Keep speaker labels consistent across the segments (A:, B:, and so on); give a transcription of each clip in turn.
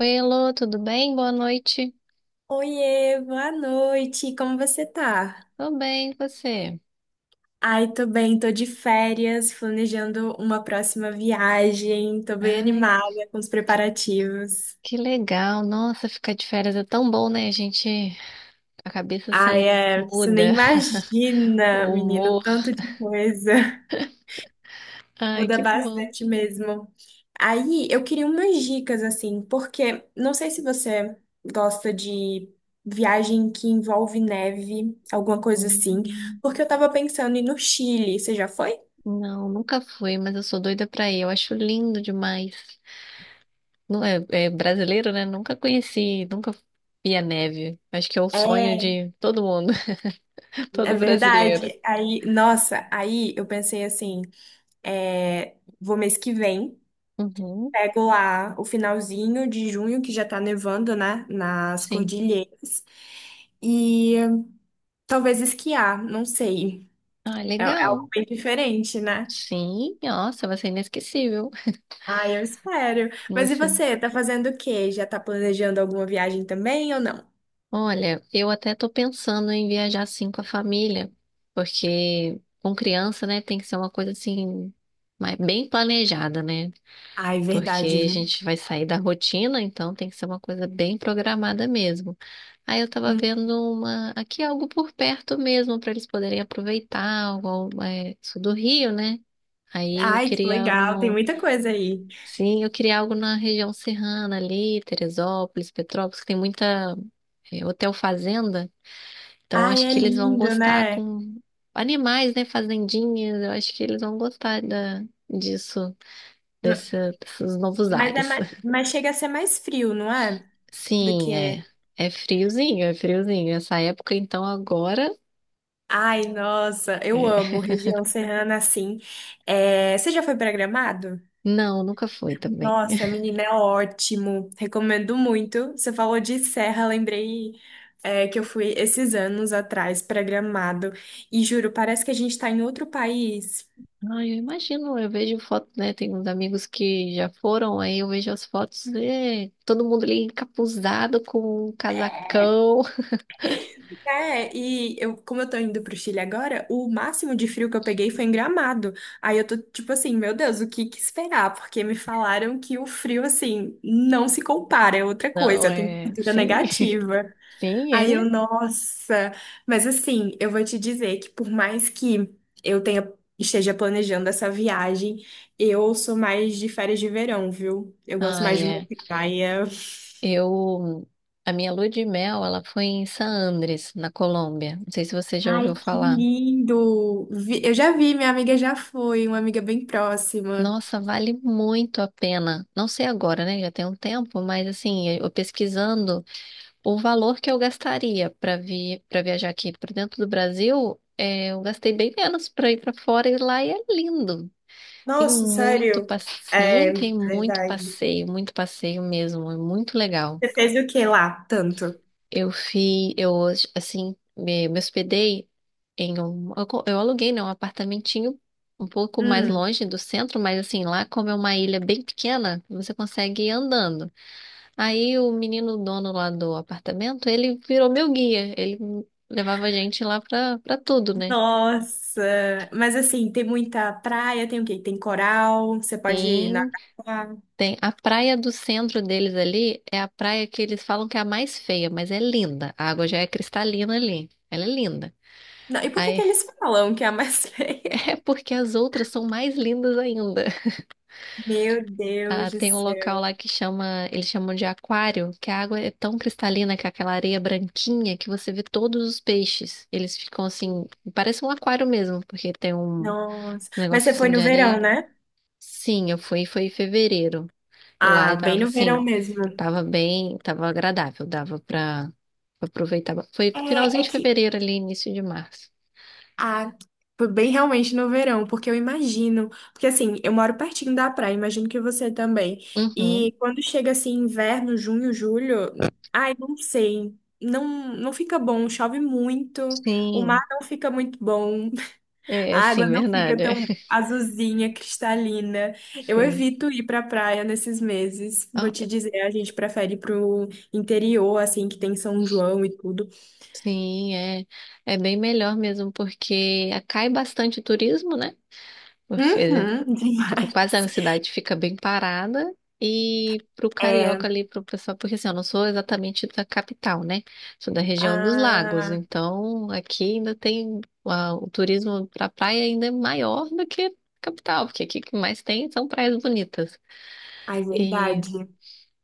A: Oi, Elô, tudo bem? Boa noite.
B: Oiê, boa noite, como você tá?
A: Tô bem, e você?
B: Ai, tô bem, tô de férias, planejando uma próxima viagem, tô bem
A: Ai,
B: animada com os preparativos.
A: que legal. Nossa, ficar de férias é tão bom, né? Gente, a cabeça
B: Ai,
A: assim
B: é, você nem
A: muda,
B: imagina,
A: o
B: menino,
A: humor.
B: tanto de coisa.
A: Ai,
B: Muda
A: que bom.
B: bastante mesmo. Aí, eu queria umas dicas, assim, porque não sei se você gosta de viagem que envolve neve, alguma coisa assim,
A: Hum.
B: porque eu tava pensando em ir no Chile, você já foi?
A: Não, nunca fui, mas eu sou doida pra ir. Eu acho lindo demais. Não é, é brasileiro, né? Nunca conheci, nunca vi a neve. Acho que é o sonho
B: É.
A: de todo mundo,
B: É
A: todo brasileiro.
B: verdade. Aí, nossa, aí eu pensei assim, é, vou mês que vem,
A: Uhum,
B: pego lá o finalzinho de junho, que já tá nevando, né, nas
A: sim.
B: cordilheiras, e talvez esquiar, não sei.
A: Ah,
B: É, é algo
A: legal.
B: bem diferente, né?
A: Sim, nossa, vai ser inesquecível.
B: Ah, eu espero. Mas e
A: Você.
B: você, tá fazendo o quê? Já tá planejando alguma viagem também ou não?
A: Olha, eu até tô pensando em viajar assim com a família, porque com criança, né, tem que ser uma coisa assim, mas bem planejada, né?
B: Ai,
A: Porque
B: verdade,
A: a
B: viu?
A: gente vai sair da rotina, então tem que ser uma coisa bem programada mesmo. Aí eu tava
B: Hum.
A: vendo uma aqui algo por perto mesmo para eles poderem aproveitar, algo, sul do Rio, né? Aí eu
B: Ai, que
A: queria
B: legal, tem
A: no
B: muita coisa aí.
A: Sim, eu queria algo na região serrana ali, Teresópolis, Petrópolis, que tem muita hotel fazenda. Então,
B: Ai,
A: acho
B: é
A: que eles vão
B: lindo,
A: gostar
B: né?
A: com animais, né? Fazendinhas. Eu acho que eles vão gostar disso, desses novos
B: Mas,
A: ares.
B: mas chega a ser mais frio, não é? Do que
A: Sim, é.
B: é.
A: É friozinho, é friozinho. Essa época, então, agora.
B: Ai, nossa, eu
A: É.
B: amo região serrana assim. É, você já foi para Gramado?
A: Não, nunca foi também.
B: Nossa, menina, é ótimo. Recomendo muito. Você falou de serra, lembrei, é, que eu fui esses anos atrás para Gramado. E juro, parece que a gente está em outro país.
A: Ai, eu imagino, eu vejo foto, né? Tem uns amigos que já foram, aí eu vejo as fotos, todo mundo ali encapuzado com um casacão.
B: É, e eu, como eu tô indo pro Chile agora, o máximo de frio que eu peguei foi em Gramado. Aí eu tô tipo assim, meu Deus, o que que esperar? Porque me falaram que o frio, assim, não se compara, é outra coisa,
A: Não,
B: a
A: é,
B: temperatura
A: sim,
B: negativa.
A: sim,
B: Aí eu,
A: é.
B: nossa. Mas assim, eu vou te dizer que por mais que eu tenha, esteja planejando essa viagem, eu sou mais de férias de verão, viu? Eu gosto mais
A: Ai,
B: de uma
A: é.
B: praia.
A: Eu, a minha lua de mel, ela foi em San Andrés, na Colômbia. Não sei se você já
B: Ai,
A: ouviu
B: que
A: falar.
B: lindo! Eu já vi, minha amiga já foi, uma amiga bem próxima.
A: Nossa, vale muito a pena. Não sei agora, né? Já tem um tempo, mas assim, eu pesquisando. O valor que eu gastaria para viajar aqui para dentro do Brasil, eu gastei bem menos para ir para fora e lá é lindo.
B: Nossa, sério? É,
A: Tem
B: verdade.
A: muito passeio mesmo, é muito legal.
B: Você fez o que lá, tanto?
A: Eu fiz, eu assim, me hospedei, eu aluguei, né, um apartamentinho um pouco mais
B: Hum,
A: longe do centro, mas assim, lá como é uma ilha bem pequena, você consegue ir andando. Aí o menino dono lá do apartamento, ele virou meu guia. Ele levava a gente lá pra tudo, né?
B: nossa! Mas assim, tem muita praia, tem o quê? Tem coral, você pode
A: Sim,
B: nadar.
A: tem a praia do centro deles ali, é a praia que eles falam que é a mais feia, mas é linda. A água já é cristalina ali. Ela é linda.
B: Não, e por que que
A: Aí,
B: eles falam que é a mais feia?
A: é porque as outras são mais lindas ainda.
B: Meu
A: Ah,
B: Deus do
A: tem um local lá
B: céu!
A: que chama, eles chamam de aquário, que a água é tão cristalina que é aquela areia branquinha que você vê todos os peixes. Eles ficam assim, parece um aquário mesmo, porque tem um
B: Nossa!
A: um
B: Mas
A: negócio
B: você foi
A: assim de
B: no verão,
A: areia.
B: né?
A: Sim, eu fui, foi em fevereiro. E lá
B: Ah,
A: eu
B: bem
A: tava
B: no verão
A: assim,
B: mesmo.
A: tava bem, tava agradável, dava pra aproveitar. Foi
B: É,
A: finalzinho
B: é
A: de
B: que
A: fevereiro ali, início de março.
B: Ah, foi bem realmente no verão, porque eu imagino, porque assim, eu moro pertinho da praia, imagino que você também.
A: Uhum.
B: E quando chega assim inverno, junho, julho, ai, não sei, não fica bom, chove muito, o mar
A: Sim,
B: não fica muito bom,
A: é,
B: a
A: é,
B: água
A: sim,
B: não fica
A: verdade. É.
B: tão azulzinha, cristalina. Eu
A: Sim.
B: evito ir pra praia nesses meses. Vou
A: Ah,
B: te dizer, a gente prefere ir pro interior, assim, que tem São João e tudo.
A: sim, é bem melhor mesmo, porque cai bastante turismo, né? Porque
B: Uhum,
A: Tipo, quase a
B: demais.
A: cidade fica bem parada. E pro carioca
B: É,
A: ali, pro pessoal, porque assim, eu não sou exatamente da capital, né? Sou da região dos lagos,
B: Ah,
A: então aqui ainda tem o turismo pra praia ainda é maior do que capital, porque aqui o que mais tem são praias bonitas.
B: ai, verdade.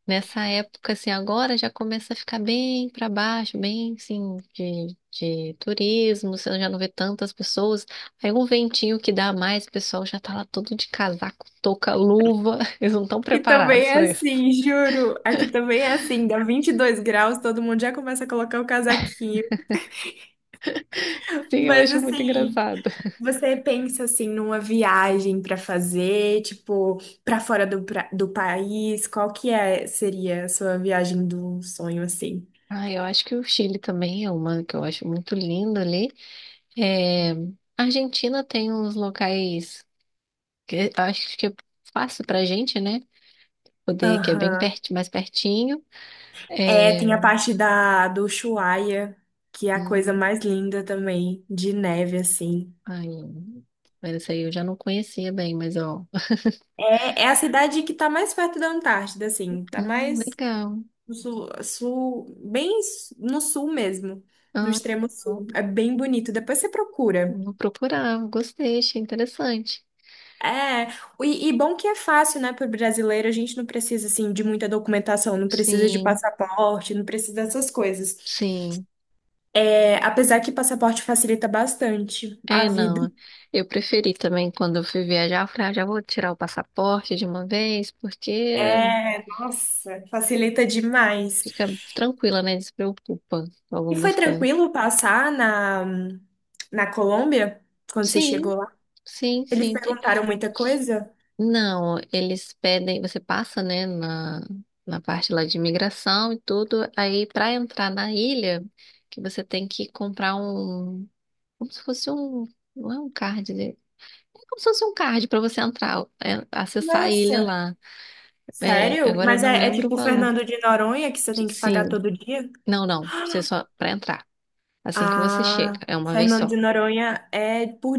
A: Nessa época, assim, agora já começa a ficar bem para baixo, bem, assim, de turismo, você já não vê tantas pessoas. Aí um ventinho que dá a mais, o pessoal já tá lá todo de casaco, touca, luva. Eles não estão
B: E também
A: preparados
B: é
A: para isso.
B: assim, juro. Aqui também é assim, dá 22 graus, todo mundo já começa a colocar o casaquinho.
A: Sim, eu
B: Mas
A: acho muito
B: assim,
A: engraçado.
B: você pensa assim numa viagem pra fazer, tipo, pra fora do, pra- do país, qual que é seria a sua viagem do sonho assim?
A: Ah, eu acho que o Chile também é uma que eu acho muito linda ali. É, a Argentina tem uns locais que eu acho que é fácil pra gente, né? Poder, que é bem
B: Aham.
A: perto, mais pertinho.
B: É,
A: É.
B: tem a parte da do Ushuaia, que é a coisa
A: Hum.
B: mais linda também, de neve assim.
A: Ai, mas essa aí eu já não conhecia bem, mas ó.
B: É, é a cidade que tá mais perto da Antártida, assim, tá mais
A: Legal.
B: no sul, no sul mesmo, no
A: Ah,
B: extremo
A: legal.
B: sul. É bem bonito. Depois você procura.
A: Vou procurar, gostei, achei interessante.
B: É, e bom que é fácil, né, para o brasileiro, a gente não precisa, assim, de muita documentação, não precisa de
A: Sim,
B: passaporte, não precisa dessas coisas.
A: sim.
B: É, apesar que passaporte facilita bastante a
A: É,
B: vida.
A: não. Eu preferi também quando eu fui viajar, eu falei, ah, já vou tirar o passaporte de uma vez, porque
B: É, nossa, facilita demais.
A: fica tranquila, né? Despreocupa com
B: E foi
A: algumas coisas.
B: tranquilo passar na Colômbia, quando você
A: Sim,
B: chegou lá?
A: sim,
B: Eles
A: sim.
B: perguntaram muita coisa?
A: Não, eles pedem, você passa, né, na parte lá de imigração e tudo, aí para entrar na ilha, que você tem que comprar um, como se fosse um, não é um card, né? É como se fosse um card para você entrar, acessar a ilha
B: Nossa,
A: lá. É,
B: sério?
A: agora eu
B: Mas
A: não
B: é, é
A: lembro o
B: tipo
A: valor.
B: Fernando de Noronha que você tem que pagar
A: Sim,
B: todo dia?
A: não, não, você só para entrar, assim que você chega,
B: Ah,
A: é uma vez
B: Fernando
A: só.
B: de Noronha é por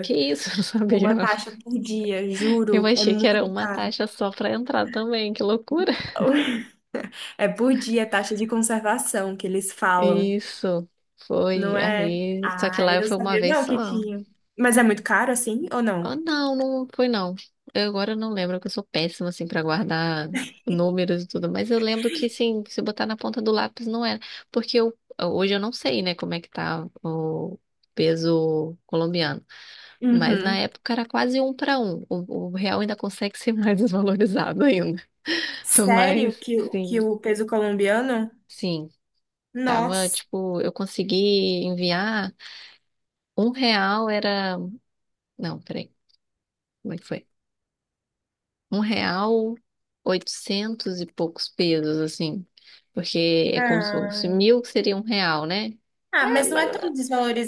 A: Que isso, eu não
B: É
A: sabia,
B: uma
A: não.
B: taxa por dia,
A: Eu
B: juro. É
A: achei que era
B: muito
A: uma
B: caro.
A: taxa só para entrar também, que loucura.
B: É por dia, taxa de conservação que eles falam,
A: Isso, foi.
B: não é?
A: Aí, só que
B: Ah,
A: lá eu
B: eu
A: fui uma
B: sabia
A: vez
B: não que
A: só.
B: tinha. Mas é muito caro assim ou
A: Ah,
B: não?
A: não, não foi não. Eu agora não lembro, porque eu sou péssima, assim, pra guardar números e tudo. Mas eu lembro que, sim, se botar na ponta do lápis não era. Porque hoje eu não sei, né, como é que tá o peso colombiano. Mas na
B: Uhum.
A: época era quase um para um. O real ainda consegue ser mais desvalorizado ainda.
B: Sério
A: Mas,
B: que
A: sim,
B: o peso colombiano?
A: sim. Tava,
B: Nossa.
A: tipo, eu consegui enviar. Um real era Não, peraí. Como é que foi? Um real, oitocentos e poucos pesos, assim. Porque é como se fosse
B: Ah.
A: 1.000, que seria um real, né?
B: Ah,
A: É,
B: mas não é
A: mais ou menos.
B: tão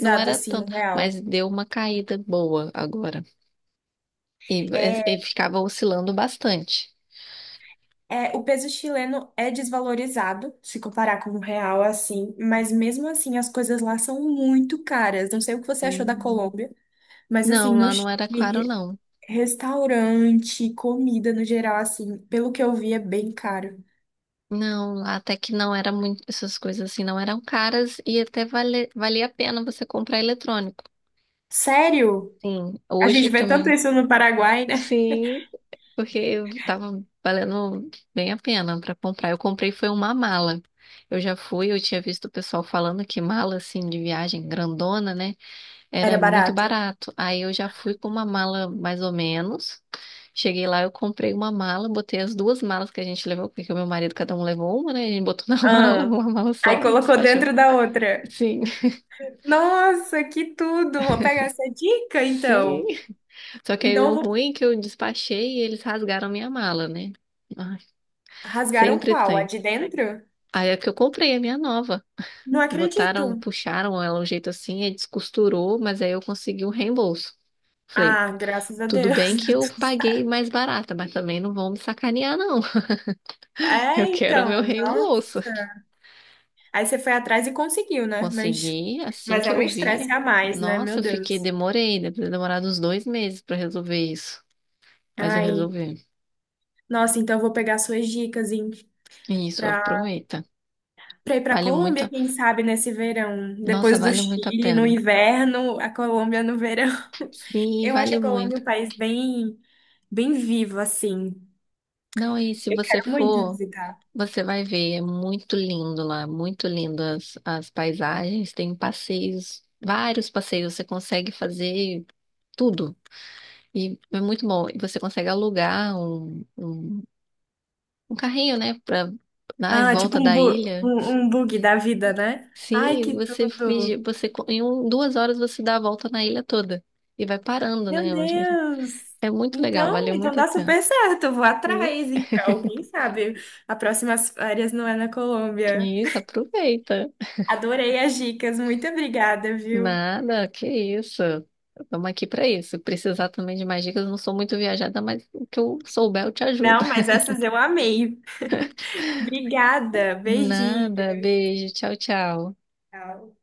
A: Não era
B: assim o
A: tanto,
B: real.
A: mas deu uma caída boa agora. E
B: É,
A: ele ficava oscilando bastante.
B: é, o peso chileno é desvalorizado se comparar com o real assim, mas mesmo assim as coisas lá são muito caras. Não sei o que você achou da
A: Hum.
B: Colômbia, mas
A: Não,
B: assim, no
A: lá não
B: Chile,
A: era caro, não.
B: restaurante, comida no geral assim, pelo que eu vi é bem caro.
A: Não, lá até que não era muito, essas coisas assim não eram caras e até vale, valia a pena você comprar eletrônico.
B: Sério?
A: Sim,
B: A
A: hoje
B: gente vê tanto
A: também.
B: isso no Paraguai, né?
A: Sim, porque tava valendo bem a pena pra comprar. Eu comprei foi uma mala. Eu já fui, eu tinha visto o pessoal falando que mala assim de viagem grandona, né,
B: Era
A: era muito
B: barato.
A: barato. Aí eu já fui com uma mala mais ou menos. Cheguei lá, eu comprei uma mala, botei as duas malas que a gente levou, porque o meu marido cada um levou uma, né? A gente botou na mala,
B: Ah,
A: uma mala
B: aí
A: só e
B: colocou
A: despachou.
B: dentro da outra.
A: Sim,
B: Nossa, que tudo! Vou pegar essa dica
A: sim.
B: então.
A: Só que aí
B: Então, eu
A: o
B: vou...
A: ruim é que eu despachei e eles rasgaram minha mala, né? Ai,
B: Rasgaram
A: sempre
B: qual? A
A: tem.
B: de dentro?
A: Aí é que eu comprei a minha nova.
B: Não
A: Botaram,
B: acredito.
A: puxaram ela um jeito assim, aí descosturou, mas aí eu consegui um reembolso. Falei,
B: Ah, graças a
A: tudo
B: Deus,
A: bem que
B: deu
A: eu
B: tudo
A: paguei
B: certo.
A: mais barata, mas também não vão me sacanear, não. Eu
B: É,
A: quero o
B: então,
A: meu
B: nossa.
A: reembolso.
B: Aí você foi atrás e conseguiu, né?
A: Consegui, assim
B: Mas é
A: que
B: um
A: eu
B: estresse
A: vi.
B: a mais, né? Meu
A: Nossa, eu fiquei,
B: Deus.
A: demorei, deve ter demorado uns 2 meses pra resolver isso. Mas eu
B: Ai,
A: resolvi.
B: nossa, então eu vou pegar suas dicas, hein?
A: Isso,
B: Pra,
A: aproveita.
B: pra ir pra
A: Vale muito
B: Colômbia,
A: a...
B: quem sabe, nesse verão.
A: Nossa,
B: Depois do
A: vale muito a
B: Chile, no
A: pena.
B: inverno, a Colômbia no verão.
A: Sim,
B: Eu acho
A: vale
B: a Colômbia
A: muito.
B: um país bem, bem vivo, assim.
A: Não, e se
B: Eu
A: você
B: quero muito
A: for.
B: visitar.
A: Você vai ver, é muito lindo lá, muito lindo as paisagens, tem passeios, vários passeios, você consegue fazer tudo. E é muito bom. E você consegue alugar um carrinho, né, para dar em
B: Ah, tipo
A: volta
B: um,
A: da
B: bu
A: ilha.
B: um, um bug da vida, né? Ai,
A: Sim,
B: que
A: você finge,
B: tudo!
A: 2 horas você dá a volta na ilha toda e vai parando,
B: Meu
A: né?
B: Deus!
A: É muito legal,
B: Então,
A: valeu
B: então
A: muito a
B: dá
A: pena.
B: super certo, eu vou
A: Sim.
B: atrás, então, quem sabe? A próxima férias não é na Colômbia.
A: Isso, aproveita.
B: Adorei as dicas, muito obrigada, viu?
A: Nada, que isso. Estamos aqui para isso. Se precisar também de mais dicas, eu não sou muito viajada, mas o que eu souber eu te ajudo.
B: Não, mas essas eu amei. Obrigada, beijinho.
A: Nada, beijo, tchau, tchau.
B: Tchau.